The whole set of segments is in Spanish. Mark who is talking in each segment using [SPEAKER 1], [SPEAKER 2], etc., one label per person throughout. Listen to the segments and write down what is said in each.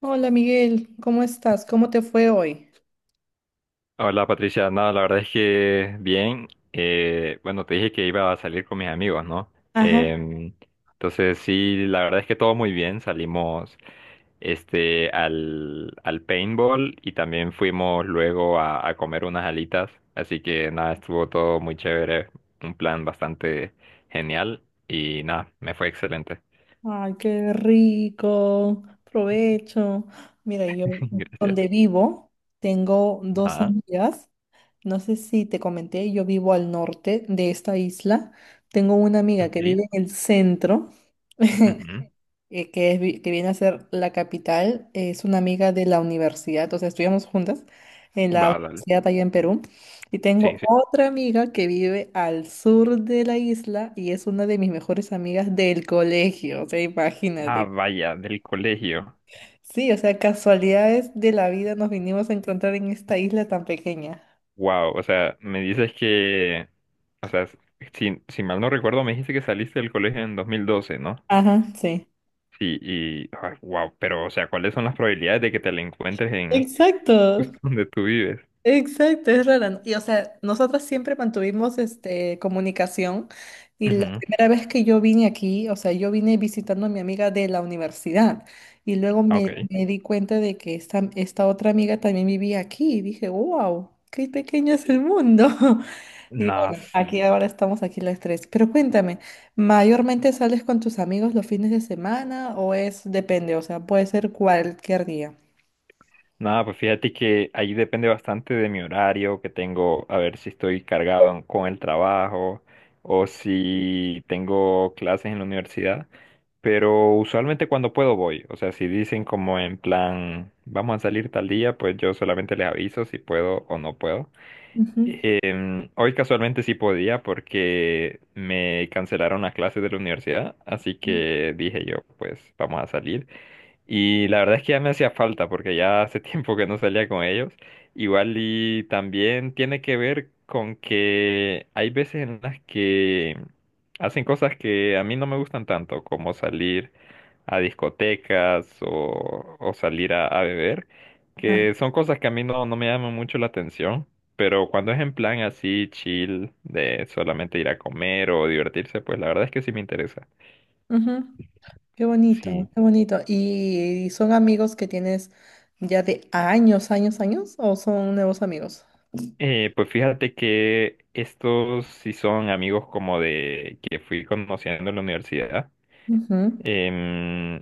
[SPEAKER 1] Hola Miguel, ¿cómo estás? ¿Cómo te fue hoy?
[SPEAKER 2] Hola Patricia, nada, la verdad es que bien. Bueno, te dije que iba a salir con mis amigos, ¿no?
[SPEAKER 1] Ajá.
[SPEAKER 2] Em, entonces sí, la verdad es que todo muy bien. Salimos este al paintball y también fuimos luego a comer unas alitas. Así que nada, estuvo todo muy chévere, un plan bastante genial y nada, me fue excelente.
[SPEAKER 1] Ay, qué rico. Provecho. Mira, yo
[SPEAKER 2] Gracias.
[SPEAKER 1] donde vivo tengo dos
[SPEAKER 2] Ah,
[SPEAKER 1] amigas. No sé si te comenté, yo vivo al norte de esta isla. Tengo una amiga que
[SPEAKER 2] ok.
[SPEAKER 1] vive en el centro
[SPEAKER 2] Ujú.
[SPEAKER 1] que viene a ser la capital, es una amiga de la universidad, o sea, estudiamos juntas en la
[SPEAKER 2] Va, dale.
[SPEAKER 1] universidad allá en Perú. Y
[SPEAKER 2] Sí,
[SPEAKER 1] tengo
[SPEAKER 2] sí.
[SPEAKER 1] otra amiga que vive al sur de la isla y es una de mis mejores amigas del colegio, o sea,
[SPEAKER 2] Ah,
[SPEAKER 1] imagínate.
[SPEAKER 2] vaya, del colegio.
[SPEAKER 1] Sí, o sea, casualidades de la vida nos vinimos a encontrar en esta isla tan pequeña.
[SPEAKER 2] Wow, o sea, me dices que, o sea, si, si mal no recuerdo, me dijiste que saliste del colegio en 2012, ¿no?
[SPEAKER 1] Ajá, sí.
[SPEAKER 2] Sí, y, wow, pero, o sea, ¿cuáles son las probabilidades de que te la encuentres en
[SPEAKER 1] Exacto.
[SPEAKER 2] justo donde tú vives?
[SPEAKER 1] Exacto, es rara, ¿no? Y o sea, nosotras siempre mantuvimos comunicación y la
[SPEAKER 2] Ujú.
[SPEAKER 1] primera vez que yo vine aquí, o sea, yo vine visitando a mi amiga de la universidad y luego
[SPEAKER 2] Ah, ok.
[SPEAKER 1] me di cuenta de que esta otra amiga también vivía aquí y dije, wow, qué pequeño es el mundo. Y
[SPEAKER 2] Nada,
[SPEAKER 1] bueno, aquí
[SPEAKER 2] sí.
[SPEAKER 1] ahora estamos aquí las tres. Pero cuéntame, ¿mayormente sales con tus amigos los fines de semana o es, depende, o sea, puede ser cualquier día?
[SPEAKER 2] Nada, pues fíjate que ahí depende bastante de mi horario que tengo, a ver si estoy cargado con el trabajo o si tengo clases en la universidad. Pero usualmente cuando puedo voy. O sea, si dicen como en plan, vamos a salir tal día, pues yo solamente les aviso si puedo o no puedo.
[SPEAKER 1] Ujú.
[SPEAKER 2] Hoy casualmente sí podía porque me cancelaron las clases de la universidad, así que dije yo, pues vamos a salir. Y la verdad es que ya me hacía falta porque ya hace tiempo que no salía con ellos. Igual y también tiene que ver con que hay veces en las que hacen cosas que a mí no me gustan tanto, como salir a discotecas o salir a beber,
[SPEAKER 1] Ah,
[SPEAKER 2] que son cosas que a mí no, no me llaman mucho la atención. Pero cuando es en plan así chill, de solamente ir a comer o divertirse, pues la verdad es que sí me interesa.
[SPEAKER 1] ujú. Qué bonito,
[SPEAKER 2] Sí.
[SPEAKER 1] qué bonito. ¿Y son amigos que tienes ya de años, años, años o son nuevos amigos?
[SPEAKER 2] Pues fíjate que estos sí son amigos como de que fui conociendo en la universidad.
[SPEAKER 1] Ujú,
[SPEAKER 2] Em,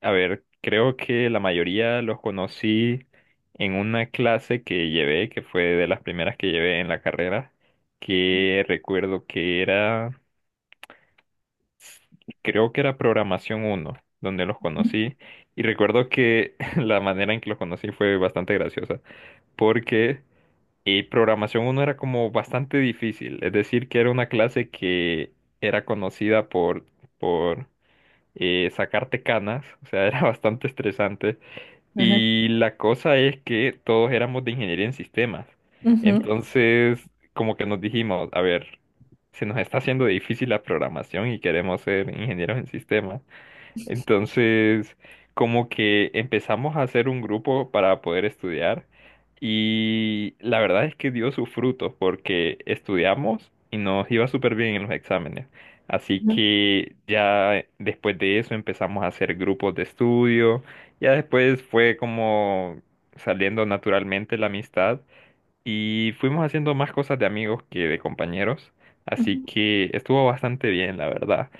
[SPEAKER 2] a ver, creo que la mayoría los conocí en una clase que llevé, que fue de las primeras que llevé en la carrera, que recuerdo que era, creo que era programación uno, donde los conocí. Y recuerdo que la manera en que los conocí fue bastante graciosa, porque y programación uno era como bastante difícil, es decir, que era una clase que era conocida por sacarte canas, o sea, era bastante estresante.
[SPEAKER 1] ujú,
[SPEAKER 2] Y la cosa es que todos éramos de ingeniería en sistemas.
[SPEAKER 1] ujú,
[SPEAKER 2] Entonces, como que nos dijimos, a ver, se nos está haciendo difícil la programación y queremos ser ingenieros en sistemas. Entonces, como que empezamos a hacer un grupo para poder estudiar y la verdad es que dio sus frutos porque estudiamos y nos iba súper bien en los exámenes. Así
[SPEAKER 1] ujú,
[SPEAKER 2] que ya después de eso empezamos a hacer grupos de estudio, ya después fue como saliendo naturalmente la amistad y fuimos haciendo más cosas de amigos que de compañeros. Así
[SPEAKER 1] ujú.
[SPEAKER 2] que estuvo bastante bien, la verdad.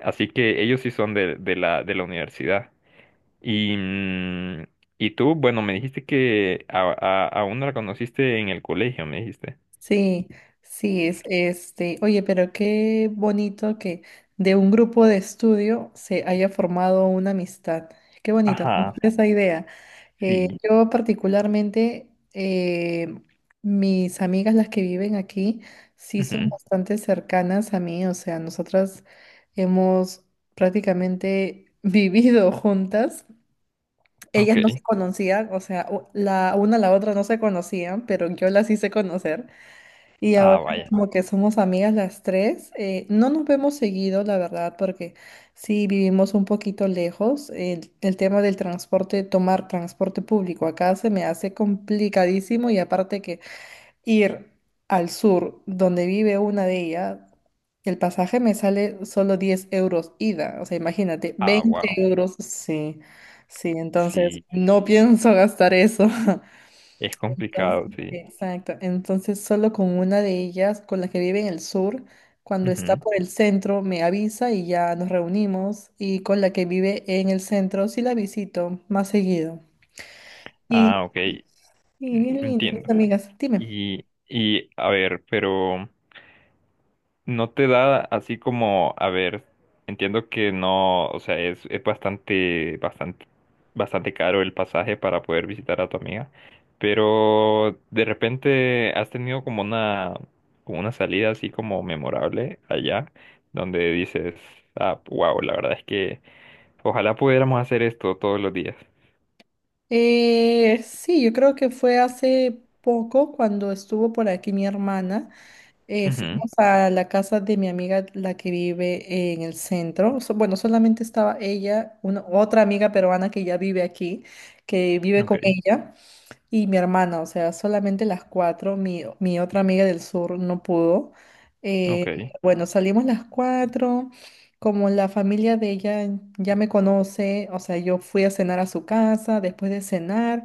[SPEAKER 2] Así que ellos sí son de la universidad. Y, mm, y tú, bueno, me dijiste que a una la conociste en el colegio, me dijiste.
[SPEAKER 1] Sí, sí, es este. Oye, pero qué bonito que de un grupo de estudio se haya formado una amistad. Qué bonito, me
[SPEAKER 2] Ajá,
[SPEAKER 1] gusta esa idea.
[SPEAKER 2] sí.
[SPEAKER 1] Yo particularmente, mis amigas, las que viven aquí, sí son
[SPEAKER 2] Ujú.
[SPEAKER 1] bastante cercanas a mí. O sea, nosotras hemos prácticamente vivido juntas. Ellas
[SPEAKER 2] Ok.
[SPEAKER 1] no se conocían, o sea, la una a la otra no se conocían, pero yo las hice conocer. Y
[SPEAKER 2] Ah,
[SPEAKER 1] ahora
[SPEAKER 2] vaya.
[SPEAKER 1] como que somos amigas las tres, no nos vemos seguido, la verdad, porque sí vivimos un poquito lejos. El tema del transporte, tomar transporte público acá se me hace complicadísimo y aparte que ir al sur, donde vive una de ellas, el pasaje me sale solo 10 euros ida. O sea, imagínate,
[SPEAKER 2] Ah,
[SPEAKER 1] veinte
[SPEAKER 2] wow.
[SPEAKER 1] euros, sí, sí, entonces
[SPEAKER 2] Sí,
[SPEAKER 1] no
[SPEAKER 2] sí.
[SPEAKER 1] pienso gastar eso.
[SPEAKER 2] Es
[SPEAKER 1] Entonces,
[SPEAKER 2] complicado, sí.
[SPEAKER 1] exacto. Entonces, solo con una de ellas, con la que vive en el sur, cuando está
[SPEAKER 2] Ujú.
[SPEAKER 1] por el centro, me avisa y ya nos reunimos. Y con la que vive en el centro, sí la visito más seguido. Y,
[SPEAKER 2] Ah, ok.
[SPEAKER 1] y bien linda, mis
[SPEAKER 2] Entiendo.
[SPEAKER 1] amigas. Dime.
[SPEAKER 2] Y a ver, pero, no te da así como, a ver, entiendo que no, o sea, es bastante, bastante, bastante caro el pasaje para poder visitar a tu amiga, pero de repente has tenido como una salida así como memorable allá, donde dices, ah, wow, la verdad es que ojalá pudiéramos hacer esto todos los días.
[SPEAKER 1] Sí, yo creo que fue hace poco cuando estuvo por aquí mi hermana.
[SPEAKER 2] Ujú.
[SPEAKER 1] Fuimos a la casa de mi amiga, la que vive en el centro. Bueno, solamente estaba ella, una, otra amiga peruana que ya vive aquí, que
[SPEAKER 2] Sí.
[SPEAKER 1] vive
[SPEAKER 2] Ok,
[SPEAKER 1] con ella. Y mi hermana, o sea, solamente las cuatro, mi otra amiga del sur no pudo.
[SPEAKER 2] ok.
[SPEAKER 1] Eh,
[SPEAKER 2] Sí.
[SPEAKER 1] bueno, salimos las cuatro, como la familia de ella ya me conoce, o sea, yo fui a cenar a su casa, después de cenar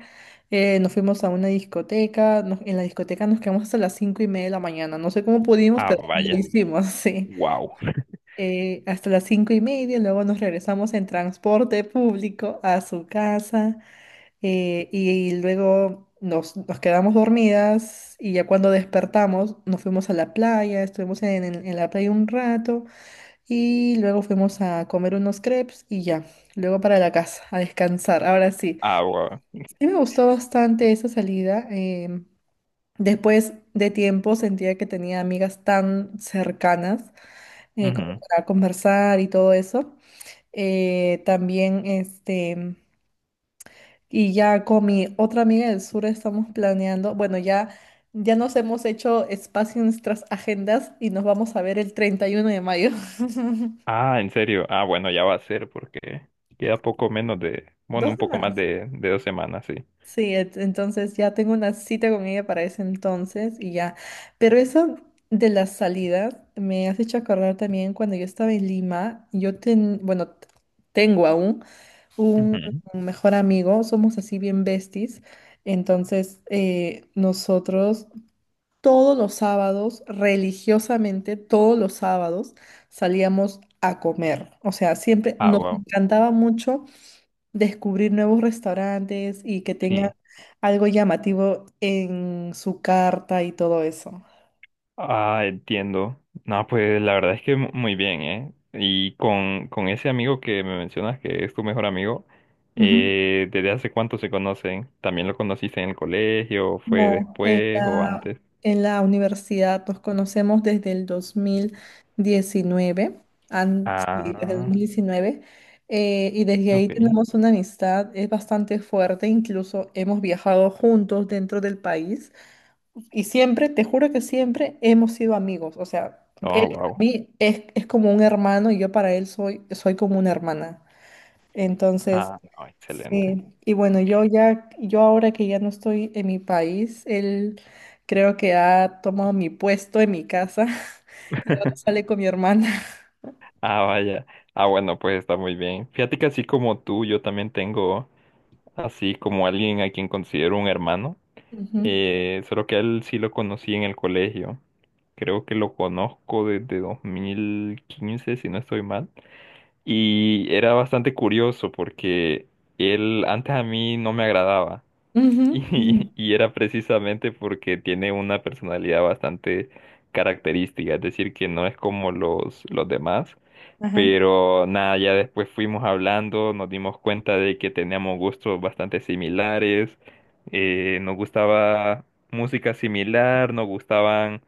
[SPEAKER 1] nos fuimos a una discoteca, en la discoteca nos quedamos hasta las 5:30 de la mañana, no sé cómo pudimos,
[SPEAKER 2] Ah,
[SPEAKER 1] pero lo
[SPEAKER 2] vaya,
[SPEAKER 1] hicimos, sí.
[SPEAKER 2] wow.
[SPEAKER 1] Hasta las 5:30, luego nos regresamos en transporte público a su casa. Y luego nos quedamos dormidas y ya cuando despertamos nos fuimos a la playa, estuvimos en la playa un rato y luego fuimos a comer unos crepes y ya, luego para la casa, a descansar. Ahora sí,
[SPEAKER 2] Ah, wow.
[SPEAKER 1] sí me gustó bastante esa salida. Después de tiempo sentía que tenía amigas tan cercanas como para conversar y todo eso. También. Y ya con mi otra amiga del sur estamos planeando, bueno, ya nos hemos hecho espacio en nuestras agendas y nos vamos a ver el 31 de mayo.
[SPEAKER 2] Ah, ¿en serio? Ah, bueno, ya va a ser porque queda poco menos de, bueno,
[SPEAKER 1] Dos
[SPEAKER 2] un poco
[SPEAKER 1] semanas.
[SPEAKER 2] más de 2 semanas, sí.
[SPEAKER 1] Sí, entonces ya tengo una cita con ella para ese entonces y ya. Pero eso de las salidas me has hecho acordar también cuando yo estaba en Lima, bueno, tengo aún un
[SPEAKER 2] Ujú.
[SPEAKER 1] mejor amigo, somos así bien besties. Entonces, nosotros todos los sábados, religiosamente, todos los sábados salíamos a comer. O sea, siempre
[SPEAKER 2] Ah,
[SPEAKER 1] nos
[SPEAKER 2] wow,
[SPEAKER 1] encantaba mucho descubrir nuevos restaurantes y que tengan
[SPEAKER 2] sí.
[SPEAKER 1] algo llamativo en su carta y todo eso.
[SPEAKER 2] Ah, entiendo. No, pues la verdad es que muy bien, ¿eh? Y con ese amigo que me mencionas que es tu mejor amigo,
[SPEAKER 1] Ujú.
[SPEAKER 2] ¿desde hace cuánto se conocen? ¿También lo conociste en el colegio? ¿Fue
[SPEAKER 1] No, en
[SPEAKER 2] después o
[SPEAKER 1] la,
[SPEAKER 2] antes?
[SPEAKER 1] en la universidad nos conocemos desde el 2019, sí, desde el
[SPEAKER 2] Ah,
[SPEAKER 1] 2019, y desde ahí
[SPEAKER 2] ok.
[SPEAKER 1] tenemos una amistad, es bastante fuerte, incluso hemos viajado juntos dentro del país y siempre, te juro que siempre hemos sido amigos, o sea, él
[SPEAKER 2] Oh,
[SPEAKER 1] para
[SPEAKER 2] wow.
[SPEAKER 1] mí es como un hermano y yo para él soy como una hermana. Entonces,
[SPEAKER 2] Ah, no, excelente.
[SPEAKER 1] sí, y bueno, yo ahora que ya no estoy en mi país, él creo que ha tomado mi puesto en mi casa y ahora sale con mi hermana.
[SPEAKER 2] Ah, vaya. Ah, bueno, pues está muy bien. Fíjate que así como tú, yo también tengo así como alguien a quien considero un hermano.
[SPEAKER 1] Ujú,
[SPEAKER 2] Solo que a él sí lo conocí en el colegio. Creo que lo conozco desde 2015, si no estoy mal. Y era bastante curioso porque él antes a mí no me agradaba.
[SPEAKER 1] ujú, ujú,
[SPEAKER 2] Y era precisamente porque tiene una personalidad bastante característica, es decir, que no es como los demás.
[SPEAKER 1] ajá,
[SPEAKER 2] Pero nada, ya después fuimos hablando, nos dimos cuenta de que teníamos gustos bastante similares, nos gustaba música similar, nos gustaban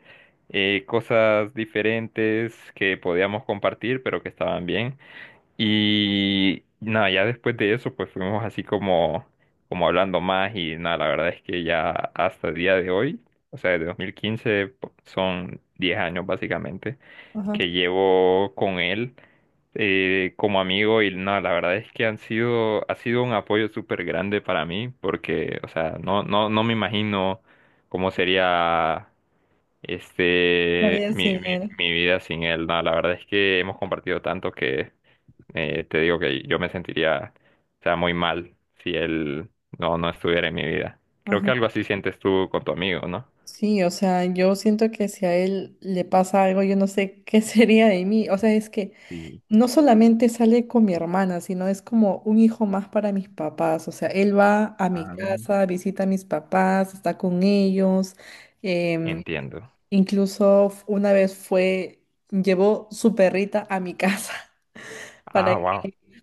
[SPEAKER 2] cosas diferentes que podíamos compartir, pero que estaban bien. Y nada, ya después de eso, pues fuimos así como, como hablando más y nada, la verdad es que ya hasta el día de hoy, o sea, desde 2015 son 10 años básicamente
[SPEAKER 1] ajá.
[SPEAKER 2] que llevo con él como amigo y no, la verdad es que han sido, ha sido un apoyo súper grande para mí porque, o sea, no, no, no me imagino cómo sería
[SPEAKER 1] La
[SPEAKER 2] este
[SPEAKER 1] vida
[SPEAKER 2] mi,
[SPEAKER 1] sin
[SPEAKER 2] mi,
[SPEAKER 1] él.
[SPEAKER 2] mi vida sin él. No, la verdad es que hemos compartido tanto que te digo que yo me sentiría, o sea, muy mal si él no, no estuviera en mi vida. Creo que
[SPEAKER 1] Ajá.
[SPEAKER 2] algo así sientes tú con tu amigo, ¿no?
[SPEAKER 1] Sí, o sea, yo siento que si a él le pasa algo, yo no sé qué sería de mí. O sea, es que
[SPEAKER 2] Sí.
[SPEAKER 1] no solamente sale con mi hermana, sino es como un hijo más para mis papás. O sea, él va a mi
[SPEAKER 2] Ah,
[SPEAKER 1] casa, visita a mis papás, está con ellos. em,
[SPEAKER 2] entiendo.
[SPEAKER 1] incluso una vez fue, llevó su perrita a mi casa para
[SPEAKER 2] Ah,
[SPEAKER 1] que,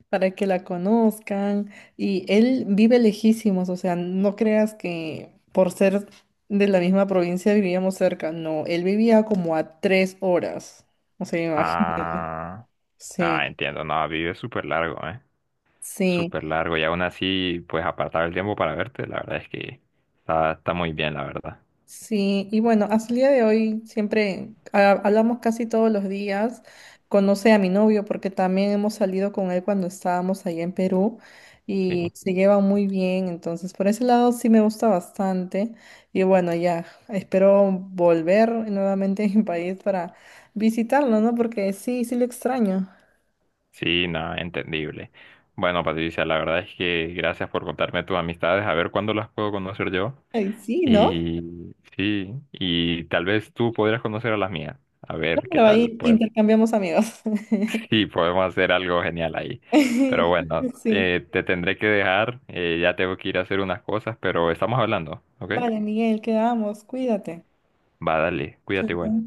[SPEAKER 1] para que la conozcan. Y él vive lejísimos, o sea, no creas que por ser de la misma provincia vivíamos cerca. No, él vivía como a 3 horas. O sea, imagínate.
[SPEAKER 2] ah, ah,
[SPEAKER 1] Sí,
[SPEAKER 2] entiendo, no, vive súper largo, ¿eh?
[SPEAKER 1] sí.
[SPEAKER 2] Súper largo, y aún así, pues apartar el tiempo para verte, la verdad es que está, está muy bien, la verdad.
[SPEAKER 1] Sí, y bueno, hasta el día de hoy siempre hablamos casi todos los días. Conoce a mi novio porque también hemos salido con él cuando estábamos allá en Perú y
[SPEAKER 2] Sí,
[SPEAKER 1] se lleva muy bien. Entonces, por ese lado sí me gusta bastante. Y bueno, ya espero volver nuevamente a mi país para visitarlo, ¿no? Porque sí, sí lo extraño.
[SPEAKER 2] sí, nada, entendible. Bueno, Patricia, la verdad es que gracias por contarme tus amistades, a ver cuándo las puedo conocer yo.
[SPEAKER 1] Ay, sí, ¿no?
[SPEAKER 2] Y sí, y tal vez tú podrías conocer a las mías, a
[SPEAKER 1] No,
[SPEAKER 2] ver qué
[SPEAKER 1] pero
[SPEAKER 2] tal,
[SPEAKER 1] ahí
[SPEAKER 2] pues
[SPEAKER 1] intercambiamos amigos.
[SPEAKER 2] sí, podemos hacer algo genial ahí.
[SPEAKER 1] Yo
[SPEAKER 2] Pero
[SPEAKER 1] creo
[SPEAKER 2] bueno,
[SPEAKER 1] que sí.
[SPEAKER 2] te tendré que dejar. Ya tengo que ir a hacer unas cosas, pero estamos hablando, ¿ok?
[SPEAKER 1] Vale, Miguel, quedamos. Cuídate.
[SPEAKER 2] Va, dale, cuídate
[SPEAKER 1] Chao.
[SPEAKER 2] igual.